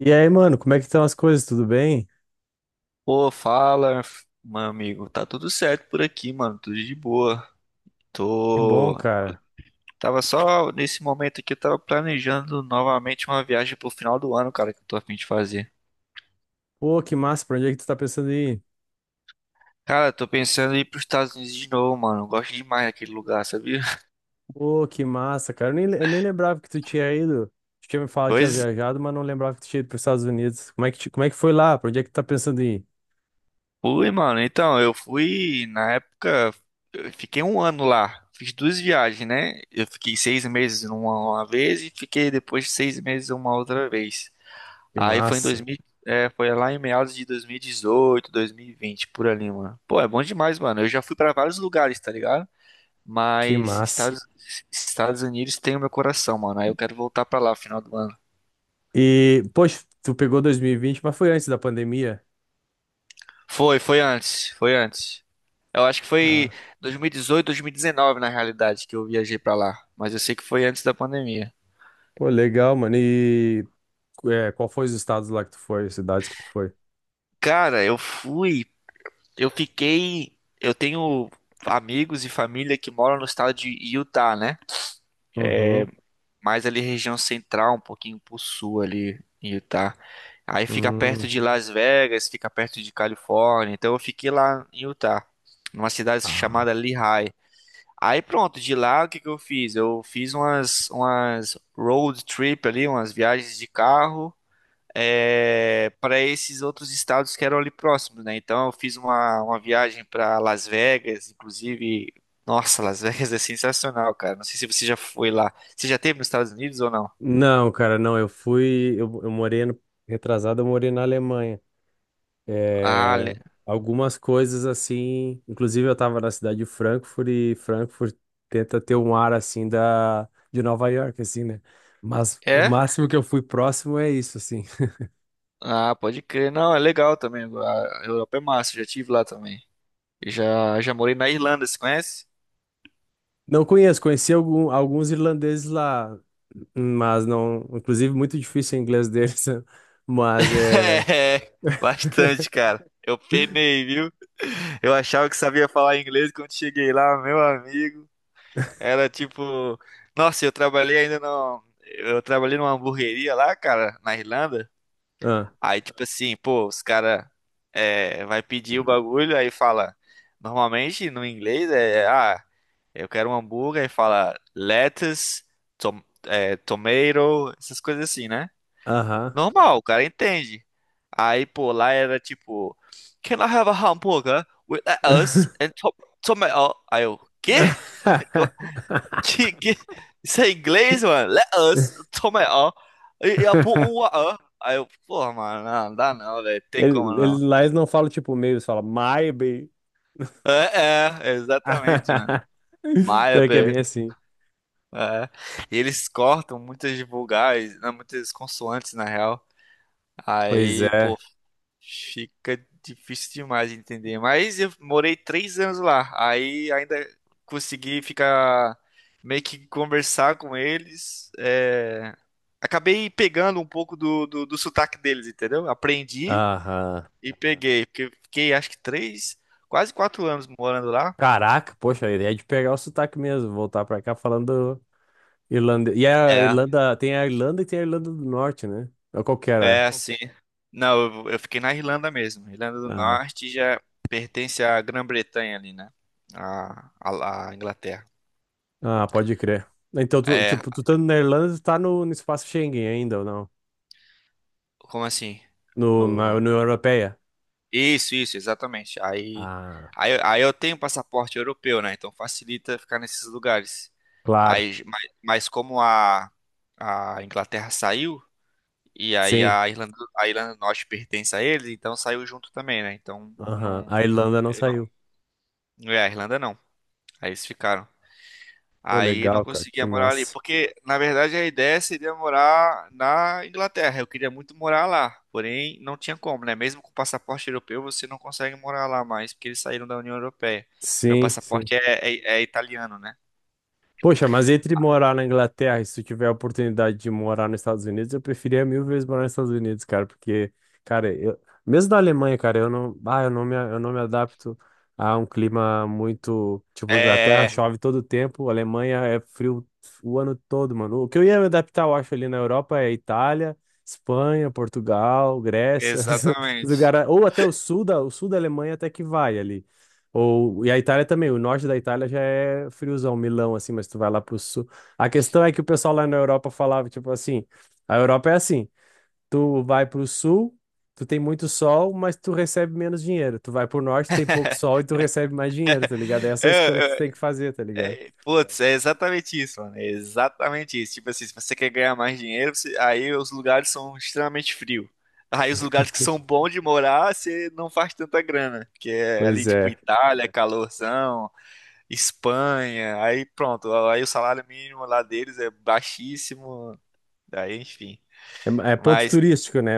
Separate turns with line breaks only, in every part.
E aí, mano, como é que estão as coisas? Tudo bem?
Pô, fala, meu amigo. Tá tudo certo por aqui, mano. Tudo de boa.
Que bom,
Tô.
cara.
Tava só nesse momento aqui, eu tava planejando novamente uma viagem pro final do ano, cara, que eu tô a fim de fazer.
Pô, que massa, pra onde é que tu tá pensando em ir?
Cara, tô pensando em ir pros Estados Unidos de novo, mano. Eu gosto demais daquele lugar, sabia?
Pô, que massa, cara. Eu nem lembrava que tu tinha ido. Tu tinha me falado que tinha
Pois
viajado, mas não lembrava que tu tinha ido pros Estados Unidos. Como é que foi lá? Pra onde é que tu tá pensando em ir?
fui, mano. Então, eu fui na época. Eu fiquei um ano lá. Fiz 2 viagens, né? Eu fiquei 6 meses numa uma vez e fiquei depois 6 meses uma outra vez.
Que
Aí foi em
massa,
2000, é, foi lá em meados de dois mil e dezoito, 2020, por ali, mano. Pô, é bom demais, mano. Eu já fui pra vários lugares, tá ligado?
que
Mas
massa.
Estados Unidos tem o meu coração, mano. Aí eu quero voltar pra lá no final do ano.
E, poxa, tu pegou 2020, mas foi antes da pandemia.
Foi, foi antes, foi antes. Eu acho que foi
Ah,
dois mil e dezoito, dois mil e 2019, na realidade, que eu viajei pra lá, mas eu sei que foi antes da pandemia.
pô, legal, mano. E, qual foi os estados lá que tu foi, as cidades que tu foi?
Cara, eu fui, eu fiquei, eu tenho amigos e família que moram no estado de Utah, né?
Uhum.
Mais ali região central, um pouquinho pro sul ali em Utah. Aí fica perto
Hum.
de Las Vegas, fica perto de Califórnia. Então eu fiquei lá em Utah, numa cidade chamada
Ah.
Lehigh. Aí pronto, de lá o que que eu fiz? Eu fiz umas road trip ali, umas viagens de carro para esses outros estados que eram ali próximos, né? Então eu fiz uma viagem para Las Vegas, inclusive. Nossa, Las Vegas é sensacional, cara. Não sei se você já foi lá. Você já esteve nos Estados Unidos ou não?
Não, cara, não. Eu fui. Eu morei ano retrasado, eu morei na Alemanha.
Ah,
É, algumas coisas assim. Inclusive, eu tava na cidade de Frankfurt e Frankfurt tenta ter um ar assim de Nova York, assim, né? Mas o
é?
máximo que eu fui próximo é isso, assim.
Ah, pode crer. Não, é legal também. A Europa é massa, eu já tive lá também. Eu já morei na Irlanda, você conhece?
Não conheço, conheci alguns irlandeses lá, mas não. Inclusive, muito difícil o inglês deles, né? Mas é.
É, bastante, cara. Eu penei, viu? Eu achava que sabia falar inglês quando cheguei lá, meu amigo. Era tipo, nossa, eu trabalhei ainda no, eu trabalhei numa hamburgueria lá, cara, na Irlanda.
Ah,
Aí tipo assim, pô, os cara é, vai pedir o bagulho, aí fala, normalmente no inglês é, ah, eu quero um hambúrguer, aí fala lettuce, tomato, essas coisas assim, né?
aham.
Normal, o cara entende. Aí, pô, lá era tipo, Can I have a hamburger with lettuce and to tomato? Aí eu, quê? Que, que- isso é inglês, mano? Let us. Toma aí, ó. E eu pôr um ó. Aí eu, porra, mano, não, não dá não, velho. Tem como
Eles
não.
lá eles não falam tipo meio, eles falam my baby.
É, é, exatamente, mano.
Pior que é
Maybe.
bem assim.
É. E eles cortam muitas de vogais, né, muitas consoantes, na real.
Pois
Aí,
é.
pô, fica difícil demais de entender. Mas eu morei 3 anos lá. Aí ainda consegui ficar meio que conversar com eles. Acabei pegando um pouco do sotaque deles, entendeu? Aprendi
Aham.
e peguei. Porque eu fiquei acho que três, quase 4 anos morando lá.
Caraca, poxa, a ideia é de pegar o sotaque mesmo, voltar pra cá falando irlandês. E a
É,
Irlanda, tem a Irlanda e tem a Irlanda do Norte, né? Ou qual que era?
é. Pô, sim. Não, eu fiquei na Irlanda mesmo. Irlanda do
Ah,
Norte já pertence à Grã-Bretanha ali, né? A Inglaterra.
ah, pode crer. Então,
É.
tipo, tu tá na Irlanda, tu tá no espaço Schengen ainda, ou não?
Como assim?
No, na
O-
União Europeia?
Isso, isso, exatamente. Aí,
Ah,
aí, aí eu tenho passaporte europeu, né? Então facilita ficar nesses lugares.
claro.
Aí, mas como a Inglaterra saiu, e aí
Sim.
a Irlanda do Norte pertence a eles, então saiu junto também, né? Então
Aham.
não,
A
não,
Irlanda não
eu
saiu.
não é a Irlanda não. Aí eles ficaram.
Pô,
Aí não
legal, cara, que
conseguia morar ali,
massa.
porque na verdade a ideia seria morar na Inglaterra. Eu queria muito morar lá, porém não tinha como, né? Mesmo com passaporte europeu, você não consegue morar lá mais, porque eles saíram da União Europeia. Meu
Sim, sim.
passaporte é, é italiano, né?
Poxa, mas entre morar na Inglaterra e se tu tiver a oportunidade de morar nos Estados Unidos, eu preferia mil vezes morar nos Estados Unidos, cara, porque, cara, mesmo na Alemanha, cara, eu não, ah, eu não me adapto a um clima muito, tipo, Inglaterra
É,
chove todo o tempo, Alemanha é frio o ano todo, mano. O que eu ia me adaptar, eu acho, ali na Europa é Itália, Espanha, Portugal,
é,
Grécia, os
exatamente.
lugares, ou até o sul da Alemanha até que vai ali. Ou, e a Itália também, o norte da Itália já é friozão, Milão, assim, mas tu vai lá pro sul. A questão é que o pessoal lá na Europa falava, tipo assim, a Europa é assim, tu vai pro sul, tu tem muito sol, mas tu recebe menos dinheiro. Tu vai pro norte, tem pouco sol e tu recebe mais dinheiro, tá ligado? Essa é a escolha que tu
É, é.
tem que fazer, tá ligado?
É, putz, é exatamente isso, mano. É exatamente isso. Tipo assim, se você quer ganhar mais dinheiro, aí os lugares são extremamente frios. Aí os lugares que são bons de morar, você não faz tanta grana. Que é
Pois
ali, tipo,
é.
Itália, calorzão, Espanha. Aí pronto, aí o salário mínimo lá deles é baixíssimo. Aí, enfim.
É, ponto
Mas,
turístico, né?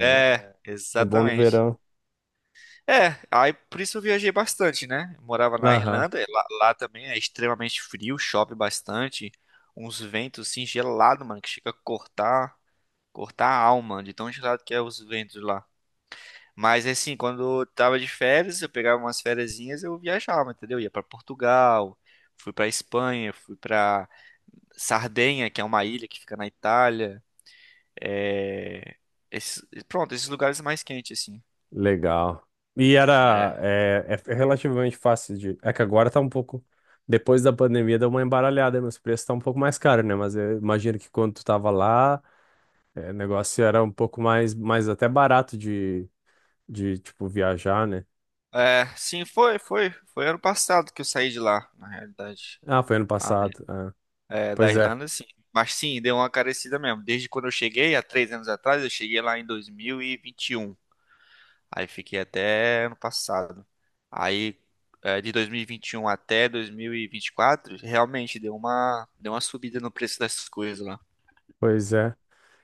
é,
É, é bom no
exatamente.
verão.
É, aí por isso eu viajei bastante, né? Eu morava na
Aham.
Irlanda, e lá também é extremamente frio, chove bastante, uns ventos assim gelados, mano, que chega a cortar, cortar a alma de tão gelado que é os ventos lá. Mas assim, quando eu tava de férias, eu pegava umas fériasinhas, eu viajava, entendeu? Ia pra Portugal, fui pra Espanha, fui pra Sardenha, que é uma ilha que fica na Itália. É... Pronto, esses lugares mais quentes assim.
Legal. E era
É.
é relativamente fácil de. É que agora tá um pouco. Depois da pandemia deu uma embaralhada, nos preços tá um pouco mais caro, né? Mas eu imagino que quando tu tava lá, o negócio era um pouco mais até barato de, tipo, viajar, né?
É, sim, foi, foi. Foi ano passado que eu saí de lá, na realidade.
Ah, foi ano
Ah, é.
passado. Ah.
É, da
Pois é,
Irlanda, sim. Mas sim, deu uma carecida mesmo. Desde quando eu cheguei, há 3 anos atrás, eu cheguei lá em 2021. Aí fiquei até ano passado. Aí, de 2021 até 2024, realmente deu uma subida no preço das coisas lá.
pois é.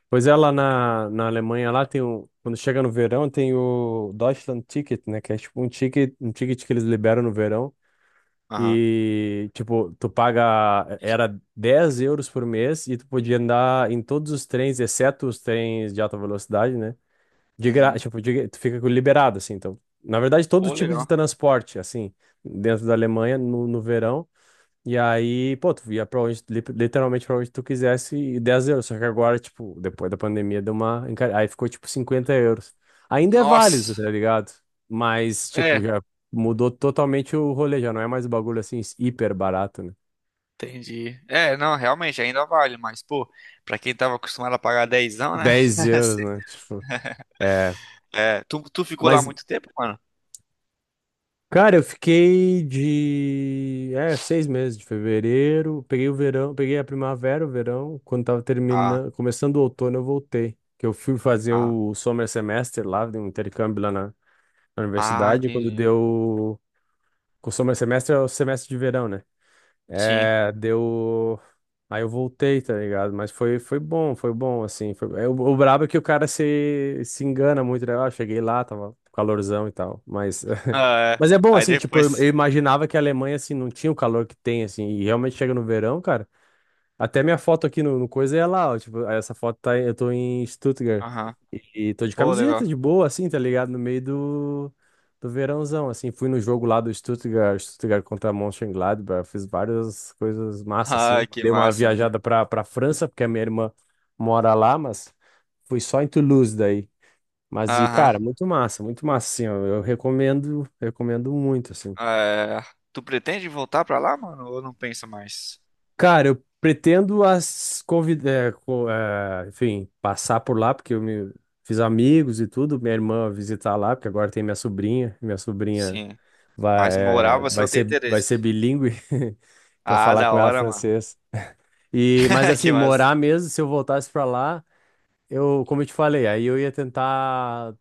Pois é, lá na Alemanha, lá tem o. Quando chega no verão, tem o Deutschland Ticket, né? Que é tipo um ticket que eles liberam no verão.
Aham.
E, tipo, tu paga, era 10 euros por mês e tu podia andar em todos os trens, exceto os trens de alta velocidade, né? De gra...
Uhum.
tipo, de- Tu fica liberado, assim. Então, na verdade, todo
Pô,
tipo de
legal.
transporte, assim, dentro da Alemanha, no verão. E aí, pô, tu ia pra onde, literalmente pra onde tu quisesse e 10 euros. Só que agora, tipo, depois da pandemia deu uma. Aí ficou tipo 50 euros. Ainda é válido,
Nossa.
tá ligado? Mas, tipo,
É.
já mudou totalmente o rolê, já não é mais o bagulho assim, hiper barato, né?
Entendi. É, não, realmente ainda vale, mas, pô, pra quem tava acostumado a pagar dezão, né?
dez euros,
Sim.
né? Tipo, é.
É, tu ficou lá
Mas
muito tempo, mano?
cara, eu fiquei 6 meses de fevereiro, peguei o verão, peguei a primavera, o verão, quando tava
Ah,
terminando, começando o outono eu voltei, que eu fui fazer
ah,
o summer semester lá, de um intercâmbio lá na
ah,
universidade, e quando
entendi.
deu, o summer semester é o semestre de verão, né?
Sim.
É, deu. Aí eu voltei, tá ligado? Mas foi bom, foi bom, assim. O brabo é que o cara se engana muito, né? Ah, eu cheguei lá, tava calorzão e tal. Mas,
Ah,
mas
é.
é bom,
Aí
assim, tipo, eu
depois.
imaginava que a Alemanha, assim, não tinha o calor que tem, assim. E realmente chega no verão, cara. Até minha foto aqui no coisa é lá, ó. Tipo, essa foto tá, eu tô em Stuttgart.
Aham.
E tô de
Pô,
camiseta,
legal.
de boa, assim, tá ligado? No meio do verãozão, assim. Fui no jogo lá do Stuttgart contra Mönchengladbach. Fiz várias coisas massa, assim.
Ai, que
Dei uma
massa.
viajada pra França, porque a minha irmã mora lá, mas fui só em Toulouse daí. Mas, e,
Aham.
cara, muito massa, assim, ó. Eu recomendo, recomendo muito, assim.
É. Tu pretende voltar pra lá, mano? Ou não pensa mais?
Cara, eu pretendo as convidar, enfim, passar por lá, porque eu me fiz amigos e tudo. Minha irmã visitar lá, porque agora tem minha sobrinha. Minha sobrinha
Sim.
vai,
Mas morar
eh,
você
vai
não tem
ser, vai ser
interesse?
bilíngue para
Ah,
falar
da
com ela
hora, mano.
francês. E, mas assim,
Que massa.
morar mesmo, se eu voltasse para lá, como eu te falei, aí eu ia tentar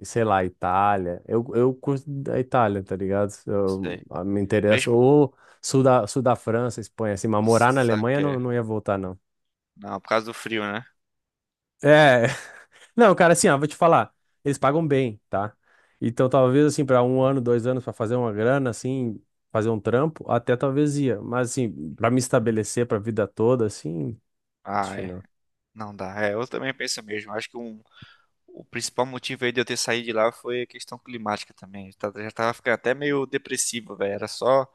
e sei lá, Itália. Eu curto a Itália, tá ligado?
Sei.
Me interessa.
Mesmo.
Ou sul da, França, Espanha, assim, mas morar na
Sabe o
Alemanha
que
não,
é?
não ia voltar, não.
Não, por causa do frio, né?
É, não, cara, assim, ó, vou te falar, eles pagam bem, tá? Então, talvez, assim, pra um ano, 2 anos, pra fazer uma grana, assim, fazer um trampo, até talvez ia. Mas, assim, pra me estabelecer pra vida toda, assim, acho
Ah,
que
é.
não.
Não dá. É, eu também penso mesmo. Acho que o principal motivo aí de eu ter saído de lá foi a questão climática também. Já tava ficando até meio depressivo, velho. Era só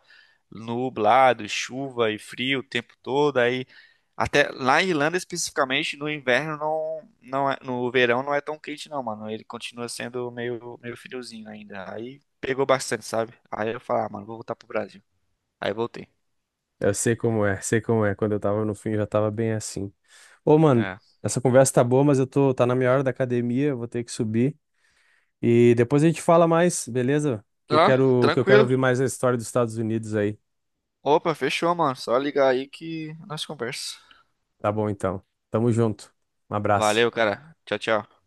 nublado, chuva e frio o tempo todo. Aí, até lá em Irlanda especificamente, no inverno não, não é, no verão não é tão quente não, mano. Ele continua sendo meio, meio friozinho ainda. Aí pegou bastante, sabe? Aí eu falei, ah, mano, vou voltar pro Brasil. Aí voltei.
Eu sei como é, sei como é. Quando eu tava no fim, eu já tava bem assim. Ô, mano,
É.
essa conversa tá boa, mas tá na minha hora da academia, eu vou ter que subir. E depois a gente fala mais, beleza? Que eu
Tá,
quero, que eu quero
tranquilo.
ouvir mais a história dos Estados Unidos aí.
Opa, fechou, mano. Só ligar aí que nós conversa.
Tá bom, então. Tamo junto. Um abraço.
Valeu, cara. Tchau, tchau.